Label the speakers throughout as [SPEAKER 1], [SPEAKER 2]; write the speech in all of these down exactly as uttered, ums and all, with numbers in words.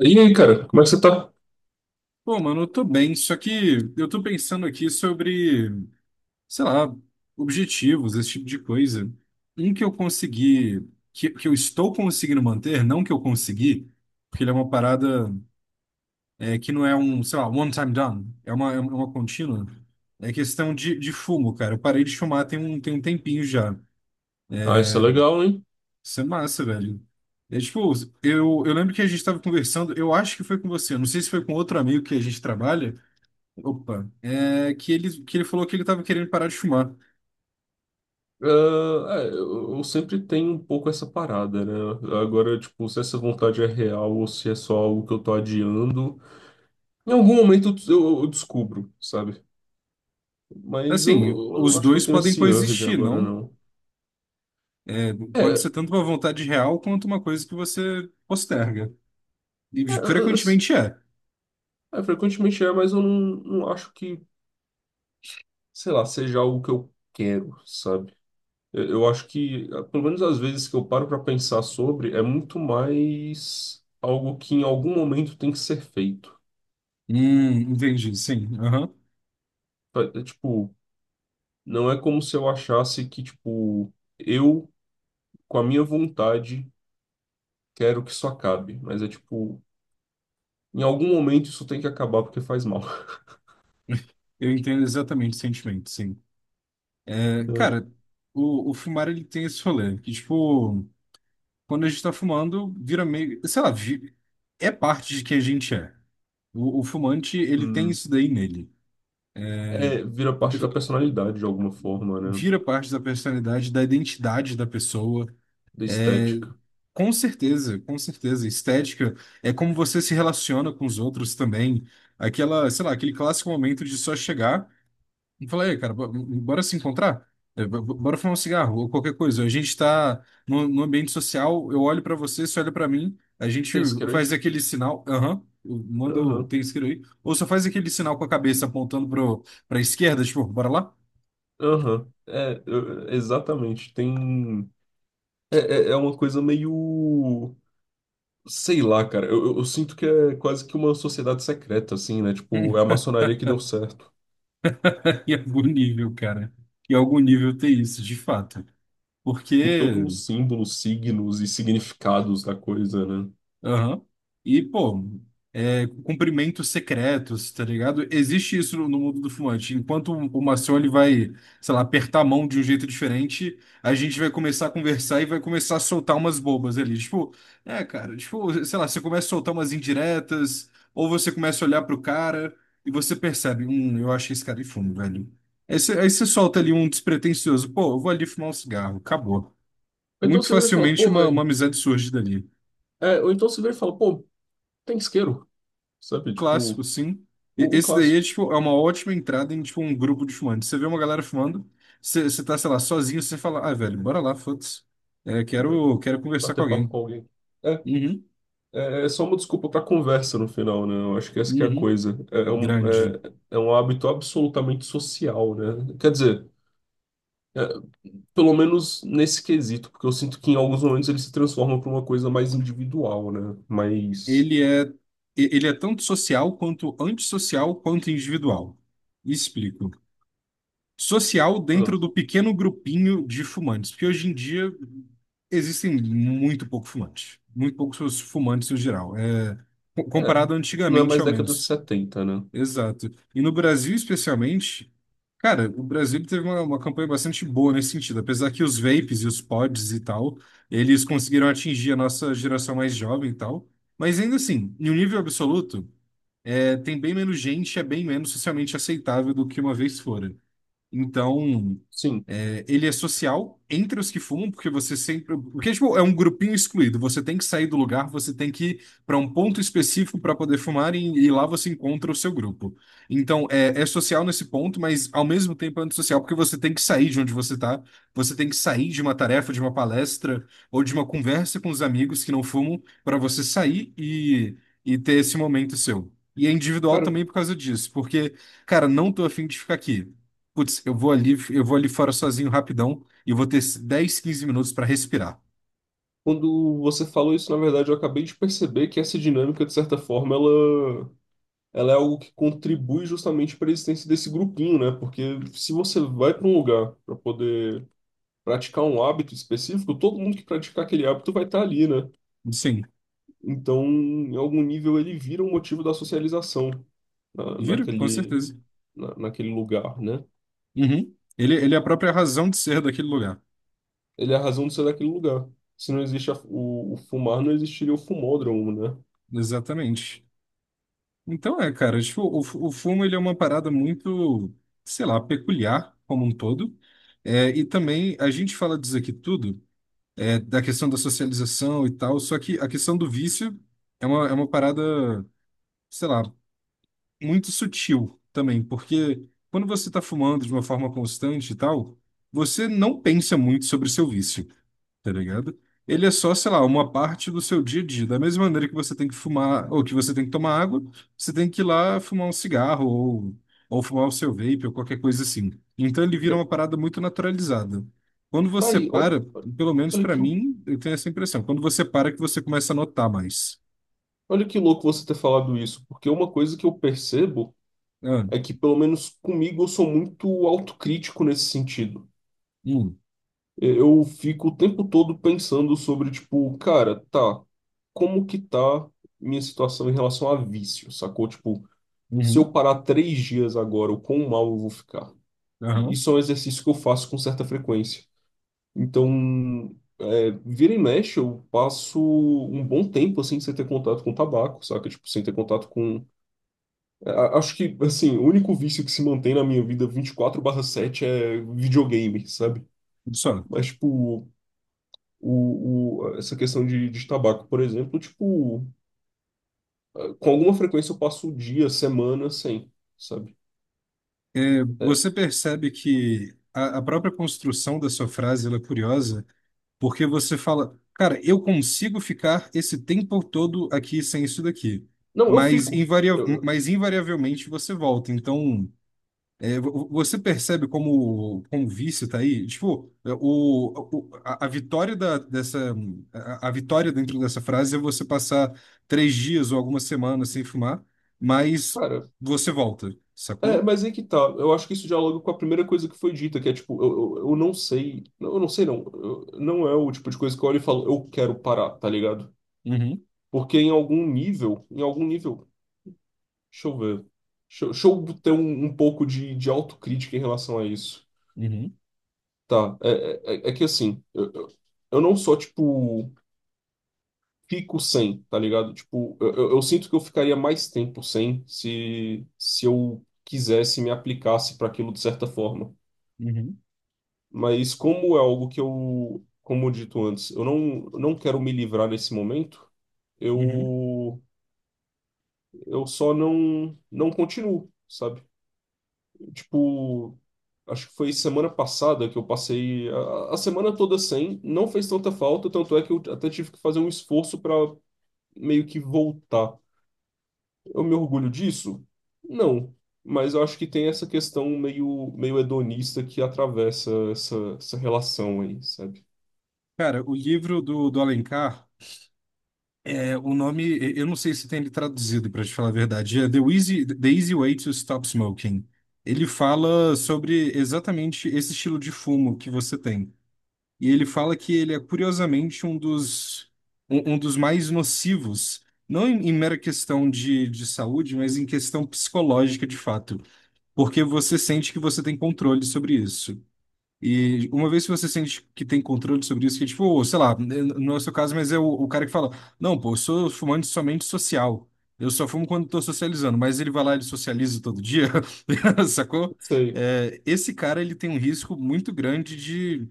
[SPEAKER 1] E aí, cara, como é que você tá?
[SPEAKER 2] Pô, mano, eu tô bem, só que eu tô pensando aqui sobre, sei lá, objetivos, esse tipo de coisa. Um que eu consegui, que, que eu estou conseguindo manter, não que eu consegui, porque ele é uma parada é, que não é um, sei lá, one time done, é uma, é uma contínua, é questão de, de fumo, cara. Eu parei de fumar tem um, tem um tempinho já.
[SPEAKER 1] Ah, isso é legal, hein?
[SPEAKER 2] Isso é massa, velho. É tipo, eu, eu lembro que a gente tava conversando, eu acho que foi com você, eu não sei se foi com outro amigo que a gente trabalha. Opa, é que ele, que ele falou que ele estava querendo parar de fumar.
[SPEAKER 1] Ah, é, eu, eu sempre tenho um pouco essa parada, né? Agora, tipo, se essa vontade é real ou se é só algo que eu tô adiando, em algum momento eu, eu descubro, sabe? Mas eu,
[SPEAKER 2] Assim,
[SPEAKER 1] eu não
[SPEAKER 2] os
[SPEAKER 1] acho que eu
[SPEAKER 2] dois
[SPEAKER 1] tenho
[SPEAKER 2] podem
[SPEAKER 1] esse urge
[SPEAKER 2] coexistir,
[SPEAKER 1] agora,
[SPEAKER 2] não?
[SPEAKER 1] não.
[SPEAKER 2] É, pode ser
[SPEAKER 1] É,
[SPEAKER 2] tanto uma vontade real quanto uma coisa que você posterga. E
[SPEAKER 1] é,
[SPEAKER 2] frequentemente é.
[SPEAKER 1] é, Frequentemente é, mas eu não, não acho que, sei lá, seja algo que eu quero, sabe? Eu eu acho que, ah, pelo menos às vezes que eu paro para pensar sobre, é muito mais algo que em algum momento tem que ser feito.
[SPEAKER 2] Hum, entendi, sim. Aham.
[SPEAKER 1] Pa- é Tipo, não é como se eu achasse que, tipo, eu, com a minha vontade, quero que isso acabe. Mas é tipo, em algum momento isso tem que acabar porque faz mal.
[SPEAKER 2] Eu entendo exatamente o sentimento, sim. É, cara,
[SPEAKER 1] É,
[SPEAKER 2] o, o fumar ele tem esse rolê, que tipo, quando a gente tá fumando, vira meio, sei lá, vi- é parte de quem a gente é. O, o fumante, ele tem
[SPEAKER 1] hum.
[SPEAKER 2] isso daí nele.
[SPEAKER 1] É, vira parte da personalidade de alguma forma, né?
[SPEAKER 2] Vira parte da personalidade, da identidade da pessoa.
[SPEAKER 1] Da
[SPEAKER 2] É,
[SPEAKER 1] estética.
[SPEAKER 2] com certeza, com certeza. Estética é como você se relaciona com os outros também. Aquela, sei lá, aquele clássico momento de só chegar e falar, ei, cara, bo- bora se encontrar? É, bo- bo- bora fumar um cigarro ou qualquer coisa. A gente tá no, no ambiente social, eu olho pra você, você olha pra mim, a gente
[SPEAKER 1] Tem isqueiro aí?
[SPEAKER 2] faz aquele sinal, aham, eu mando,
[SPEAKER 1] Aham,
[SPEAKER 2] tem escrito aí, ou só faz aquele sinal com a cabeça apontando pro, pra esquerda, tipo, bora lá?
[SPEAKER 1] aham. É, eu- exatamente. Tem. É, é, é uma coisa meio. Sei lá, cara. Eu, eu- eu sinto que é quase que uma sociedade secreta, assim, né? Tipo, é a maçonaria que deu certo.
[SPEAKER 2] Em algum nível, cara. Em algum nível tem isso, de fato.
[SPEAKER 1] Tem todos os
[SPEAKER 2] Porque.
[SPEAKER 1] símbolos, signos e significados da coisa, né?
[SPEAKER 2] Aham. E, pô, é, cumprimentos secretos, tá ligado? Existe isso no no mundo do fumante. Enquanto o o Maciel ele vai, sei lá, apertar a mão de um jeito diferente, a gente vai começar a conversar e vai começar a soltar umas bobas ali. Tipo, é, cara, tipo, sei lá, você começa a soltar umas indiretas, ou você começa a olhar pro cara e você percebe, hum, eu acho que esse cara de fumo, velho. Aí você, aí você solta ali um despretensioso, pô, eu vou ali fumar um cigarro, acabou.
[SPEAKER 1] Ou então
[SPEAKER 2] Muito
[SPEAKER 1] você vira e fala,
[SPEAKER 2] facilmente
[SPEAKER 1] pô,
[SPEAKER 2] uma, uma
[SPEAKER 1] velho.
[SPEAKER 2] amizade surge dali.
[SPEAKER 1] É, ou então você vira e fala, pô, tem isqueiro, sabe?
[SPEAKER 2] Clássico,
[SPEAKER 1] Tipo,
[SPEAKER 2] sim. E
[SPEAKER 1] o, o
[SPEAKER 2] esse daí é,
[SPEAKER 1] clássico.
[SPEAKER 2] tipo, é uma ótima entrada em tipo, um grupo de fumantes. Você vê uma galera fumando, você você tá, sei lá, sozinho, você fala, ah, velho, bora lá, foda-se. É,
[SPEAKER 1] ba-
[SPEAKER 2] quero, quero conversar com
[SPEAKER 1] Bater papo
[SPEAKER 2] alguém.
[SPEAKER 1] com alguém. É,
[SPEAKER 2] Uhum,
[SPEAKER 1] é, é só uma desculpa pra conversa no final, né? Eu acho que essa que é a
[SPEAKER 2] uhum.
[SPEAKER 1] coisa. É, é um,
[SPEAKER 2] Grande.
[SPEAKER 1] é, é um hábito absolutamente social, né? Quer dizer. É, pelo menos nesse quesito, porque eu sinto que em alguns momentos ele se transforma para uma coisa mais individual, né? Mais.
[SPEAKER 2] Ele é, e- ele é tanto social quanto antissocial quanto individual. Explico. Social
[SPEAKER 1] Ah,
[SPEAKER 2] dentro do pequeno grupinho de fumantes, porque hoje em dia existem muito pouco fumantes. Muito poucos fumantes no geral. É, co-
[SPEAKER 1] é,
[SPEAKER 2] comparado
[SPEAKER 1] não é
[SPEAKER 2] antigamente,
[SPEAKER 1] mais
[SPEAKER 2] ao
[SPEAKER 1] década de
[SPEAKER 2] menos.
[SPEAKER 1] setenta, né?
[SPEAKER 2] Exato. E no Brasil, especialmente, cara, o Brasil teve uma, uma campanha bastante boa nesse sentido. Apesar que os vapes e os pods e tal, eles conseguiram atingir a nossa geração mais jovem e tal. Mas ainda assim, em um nível absoluto, é, tem bem menos gente, é bem menos socialmente aceitável do que uma vez fora. Então,
[SPEAKER 1] Sim.
[SPEAKER 2] é, ele é social entre os que fumam, porque você sempre. Porque, tipo, é um grupinho excluído. Você tem que sair do lugar, você tem que ir para um ponto específico para poder fumar e, e lá você encontra o seu grupo. Então, é, é social nesse ponto, mas ao mesmo tempo é antissocial, porque você tem que sair de onde você tá, você tem que sair de uma tarefa, de uma palestra ou de uma conversa com os amigos que não fumam, para você sair e, e ter esse momento seu. E é individual
[SPEAKER 1] Cara,
[SPEAKER 2] também por causa disso, porque, cara, não tô afim de ficar aqui. Putz, eu vou ali, eu vou ali fora sozinho rapidão e vou ter dez quinze minutos para respirar.
[SPEAKER 1] quando você falou isso, na verdade, eu acabei de perceber que essa dinâmica, de certa forma, ela, ela é algo que contribui justamente para a existência desse grupinho, né? Porque se você vai para um lugar para poder praticar um hábito específico, todo mundo que praticar aquele hábito vai estar ali, né?
[SPEAKER 2] Sim,
[SPEAKER 1] Então, em algum nível, ele vira um motivo da socialização. na,
[SPEAKER 2] vira, com
[SPEAKER 1] naquele,
[SPEAKER 2] certeza.
[SPEAKER 1] na, naquele lugar, né?
[SPEAKER 2] Uhum. Ele, ele é a própria razão de ser daquele lugar.
[SPEAKER 1] Ele é a razão de ser daquele lugar. Se não existe a- o, o fumar, não existiria o fumódromo, né?
[SPEAKER 2] Exatamente. Então é, cara, tipo, o, fu- o fumo ele é uma parada muito, sei lá, peculiar como um todo. É, e também a gente fala disso aqui tudo, é, da questão da socialização e tal, só que a questão do vício é uma, é uma parada, sei lá, muito sutil também, porque quando você está fumando de uma forma constante e tal, você não pensa muito sobre o seu vício, tá ligado? Ele é só, sei lá, uma parte do seu dia a dia. Da mesma maneira que você tem que fumar, ou que você tem que tomar água, você tem que ir lá fumar um cigarro, ou, ou fumar o seu vape, ou qualquer coisa assim. Então ele vira uma parada muito naturalizada. Quando
[SPEAKER 1] Tá
[SPEAKER 2] você
[SPEAKER 1] aí, olha,
[SPEAKER 2] para, pelo menos
[SPEAKER 1] olha
[SPEAKER 2] pra
[SPEAKER 1] que,
[SPEAKER 2] mim, eu tenho essa impressão. Quando você para, que você começa a notar mais.
[SPEAKER 1] olha que louco você ter falado isso, porque uma coisa que eu percebo
[SPEAKER 2] Ah,
[SPEAKER 1] é que, pelo menos comigo, eu sou muito autocrítico nesse sentido.
[SPEAKER 2] hum,
[SPEAKER 1] E- Eu fico o tempo todo pensando sobre, tipo, cara, tá, como que tá minha situação em relação a vício, sacou? Tipo, se eu
[SPEAKER 2] uhum,
[SPEAKER 1] parar três dias agora, o quão mal eu vou ficar? E
[SPEAKER 2] aham,
[SPEAKER 1] isso é um exercício que eu faço com certa frequência. Então, é, vira e mexe, eu passo um bom tempo assim sem ter contato com tabaco, saca? Tipo, sem ter contato com. É, a- acho que, assim, o único vício que se mantém na minha vida 24 sete é videogame, sabe?
[SPEAKER 2] só.
[SPEAKER 1] Mas, tipo. O, o- essa questão de, de tabaco, por exemplo, tipo, com alguma frequência eu passo o dia, semana sem, sabe? É,
[SPEAKER 2] Você percebe que a, a própria construção da sua frase ela é curiosa, porque você fala, cara, eu consigo ficar esse tempo todo aqui sem isso daqui,
[SPEAKER 1] não, eu
[SPEAKER 2] mas,
[SPEAKER 1] fico.
[SPEAKER 2] invaria
[SPEAKER 1] Eu,
[SPEAKER 2] mas invariavelmente você volta. Então, é, vo- você percebe como, como o vício tá aí? Tipo, é, o, o- a, a vitória da, dessa, a, a vitória dentro dessa frase é você passar três dias ou algumas semanas sem fumar, mas
[SPEAKER 1] cara,
[SPEAKER 2] você volta,
[SPEAKER 1] é,
[SPEAKER 2] sacou?
[SPEAKER 1] mas aí que tá. Eu acho que isso dialoga com a primeira coisa que foi dita, que é tipo, eu, eu, eu não sei. não, Eu não sei, não. Eu- não é o tipo de coisa que eu olho e falo, eu quero parar, tá ligado?
[SPEAKER 2] Uhum,
[SPEAKER 1] Porque em algum nível, em algum nível, deixa eu ver. Deixa, eu deixa eu ter um, um pouco de, de autocrítica em relação a isso.
[SPEAKER 2] uhum.
[SPEAKER 1] Tá, é, é, é é que assim, eu, eu, eu não só, tipo, fico sem, tá ligado? Tipo, eu, eu eu sinto que eu ficaria mais tempo sem se, se eu quisesse e me aplicasse pra aquilo de certa forma.
[SPEAKER 2] Uhum,
[SPEAKER 1] Mas como é algo que eu, como dito antes, eu não, eu não quero me livrar nesse momento,
[SPEAKER 2] uhum.
[SPEAKER 1] eu, eu só não, não continuo, sabe? Tipo, acho que foi semana passada que eu passei a, a semana toda sem, não fez tanta falta, tanto é que eu até tive que fazer um esforço para meio que voltar. Eu me orgulho disso? Não. Mas eu acho que tem essa questão meio, meio hedonista que atravessa essa, essa relação aí, sabe?
[SPEAKER 2] Cara, o livro do, do Alencar, é, o nome, e- eu não sei se tem ele traduzido, para te falar a verdade, é The Easy, The Easy Way to Stop Smoking. Ele fala sobre exatamente esse estilo de fumo que você tem. E ele fala que ele é curiosamente um dos, um, um dos mais nocivos, não em, em mera questão de, de saúde, mas em questão psicológica de fato, porque você sente que você tem controle sobre isso. E uma vez que você sente que tem controle sobre isso, que tipo, sei lá, não é o seu caso, mas é o, o cara que fala, não, pô, eu sou fumante somente social. Eu só fumo quando tô socializando, mas ele vai lá, e ele socializa todo dia, sacou?
[SPEAKER 1] Sei.
[SPEAKER 2] É, esse cara, ele tem um risco muito grande de,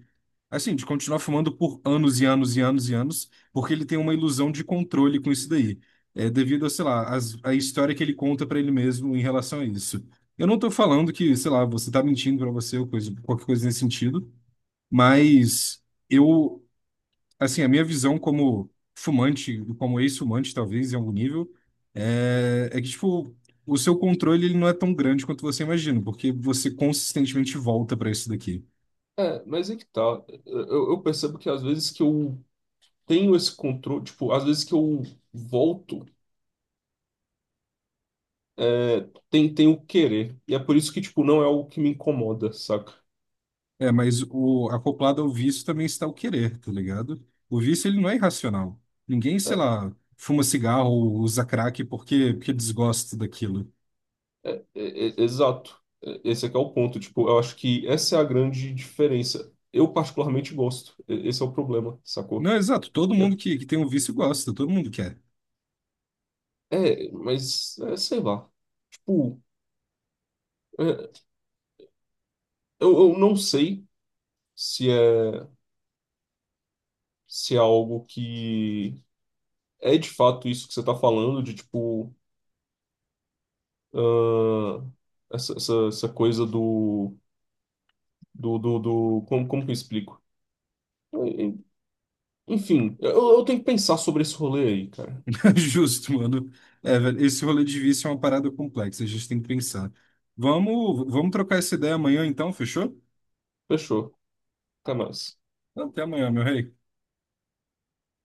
[SPEAKER 2] assim, de continuar fumando por anos e anos e anos e anos, porque ele tem uma ilusão de controle com isso daí. É devido a, sei lá, as- a história que ele conta pra ele mesmo em relação a isso. Eu não tô falando que, sei lá, você tá mentindo pra você ou coisa, qualquer coisa nesse sentido, mas eu, assim, a minha visão como fumante, como ex-fumante, talvez, em algum nível, é, é que, tipo, o seu controle ele não é tão grande quanto você imagina, porque você consistentemente volta pra isso daqui.
[SPEAKER 1] É, mas é que tá. Eu, eu percebo que às vezes que eu tenho esse controle, tipo, às vezes que eu volto, é, tem, tem o querer. E é por isso que, tipo, não é algo que me incomoda, saca?
[SPEAKER 2] É, mas o acoplado ao vício também está o querer, tá ligado? O vício ele não é irracional. Ninguém,
[SPEAKER 1] É,
[SPEAKER 2] sei lá, fuma cigarro ou usa crack porque, porque desgosta daquilo.
[SPEAKER 1] é, é, é- exato. É, esse aqui é o ponto. Tipo, eu acho que essa é a grande diferença. Eu particularmente gosto. E- Esse é o problema, sacou?
[SPEAKER 2] Não, exato. Todo
[SPEAKER 1] É,
[SPEAKER 2] mundo que, que tem um vício gosta, todo mundo quer.
[SPEAKER 1] é, mas, é, sei lá. Tipo, é, eu, eu não sei se é, se é algo que é de fato isso que você tá falando, de tipo, ah, essa, essa, essa coisa do, do, do, do- como, como que eu explico? Enfim, eu, eu tenho que pensar sobre esse rolê aí, cara.
[SPEAKER 2] Justo, mano. É, velho, esse rolê de vício é uma parada complexa, a gente tem que pensar. Vamos, vamos trocar essa ideia amanhã então, fechou?
[SPEAKER 1] Fechou. Até mais.
[SPEAKER 2] Então, até amanhã, meu rei.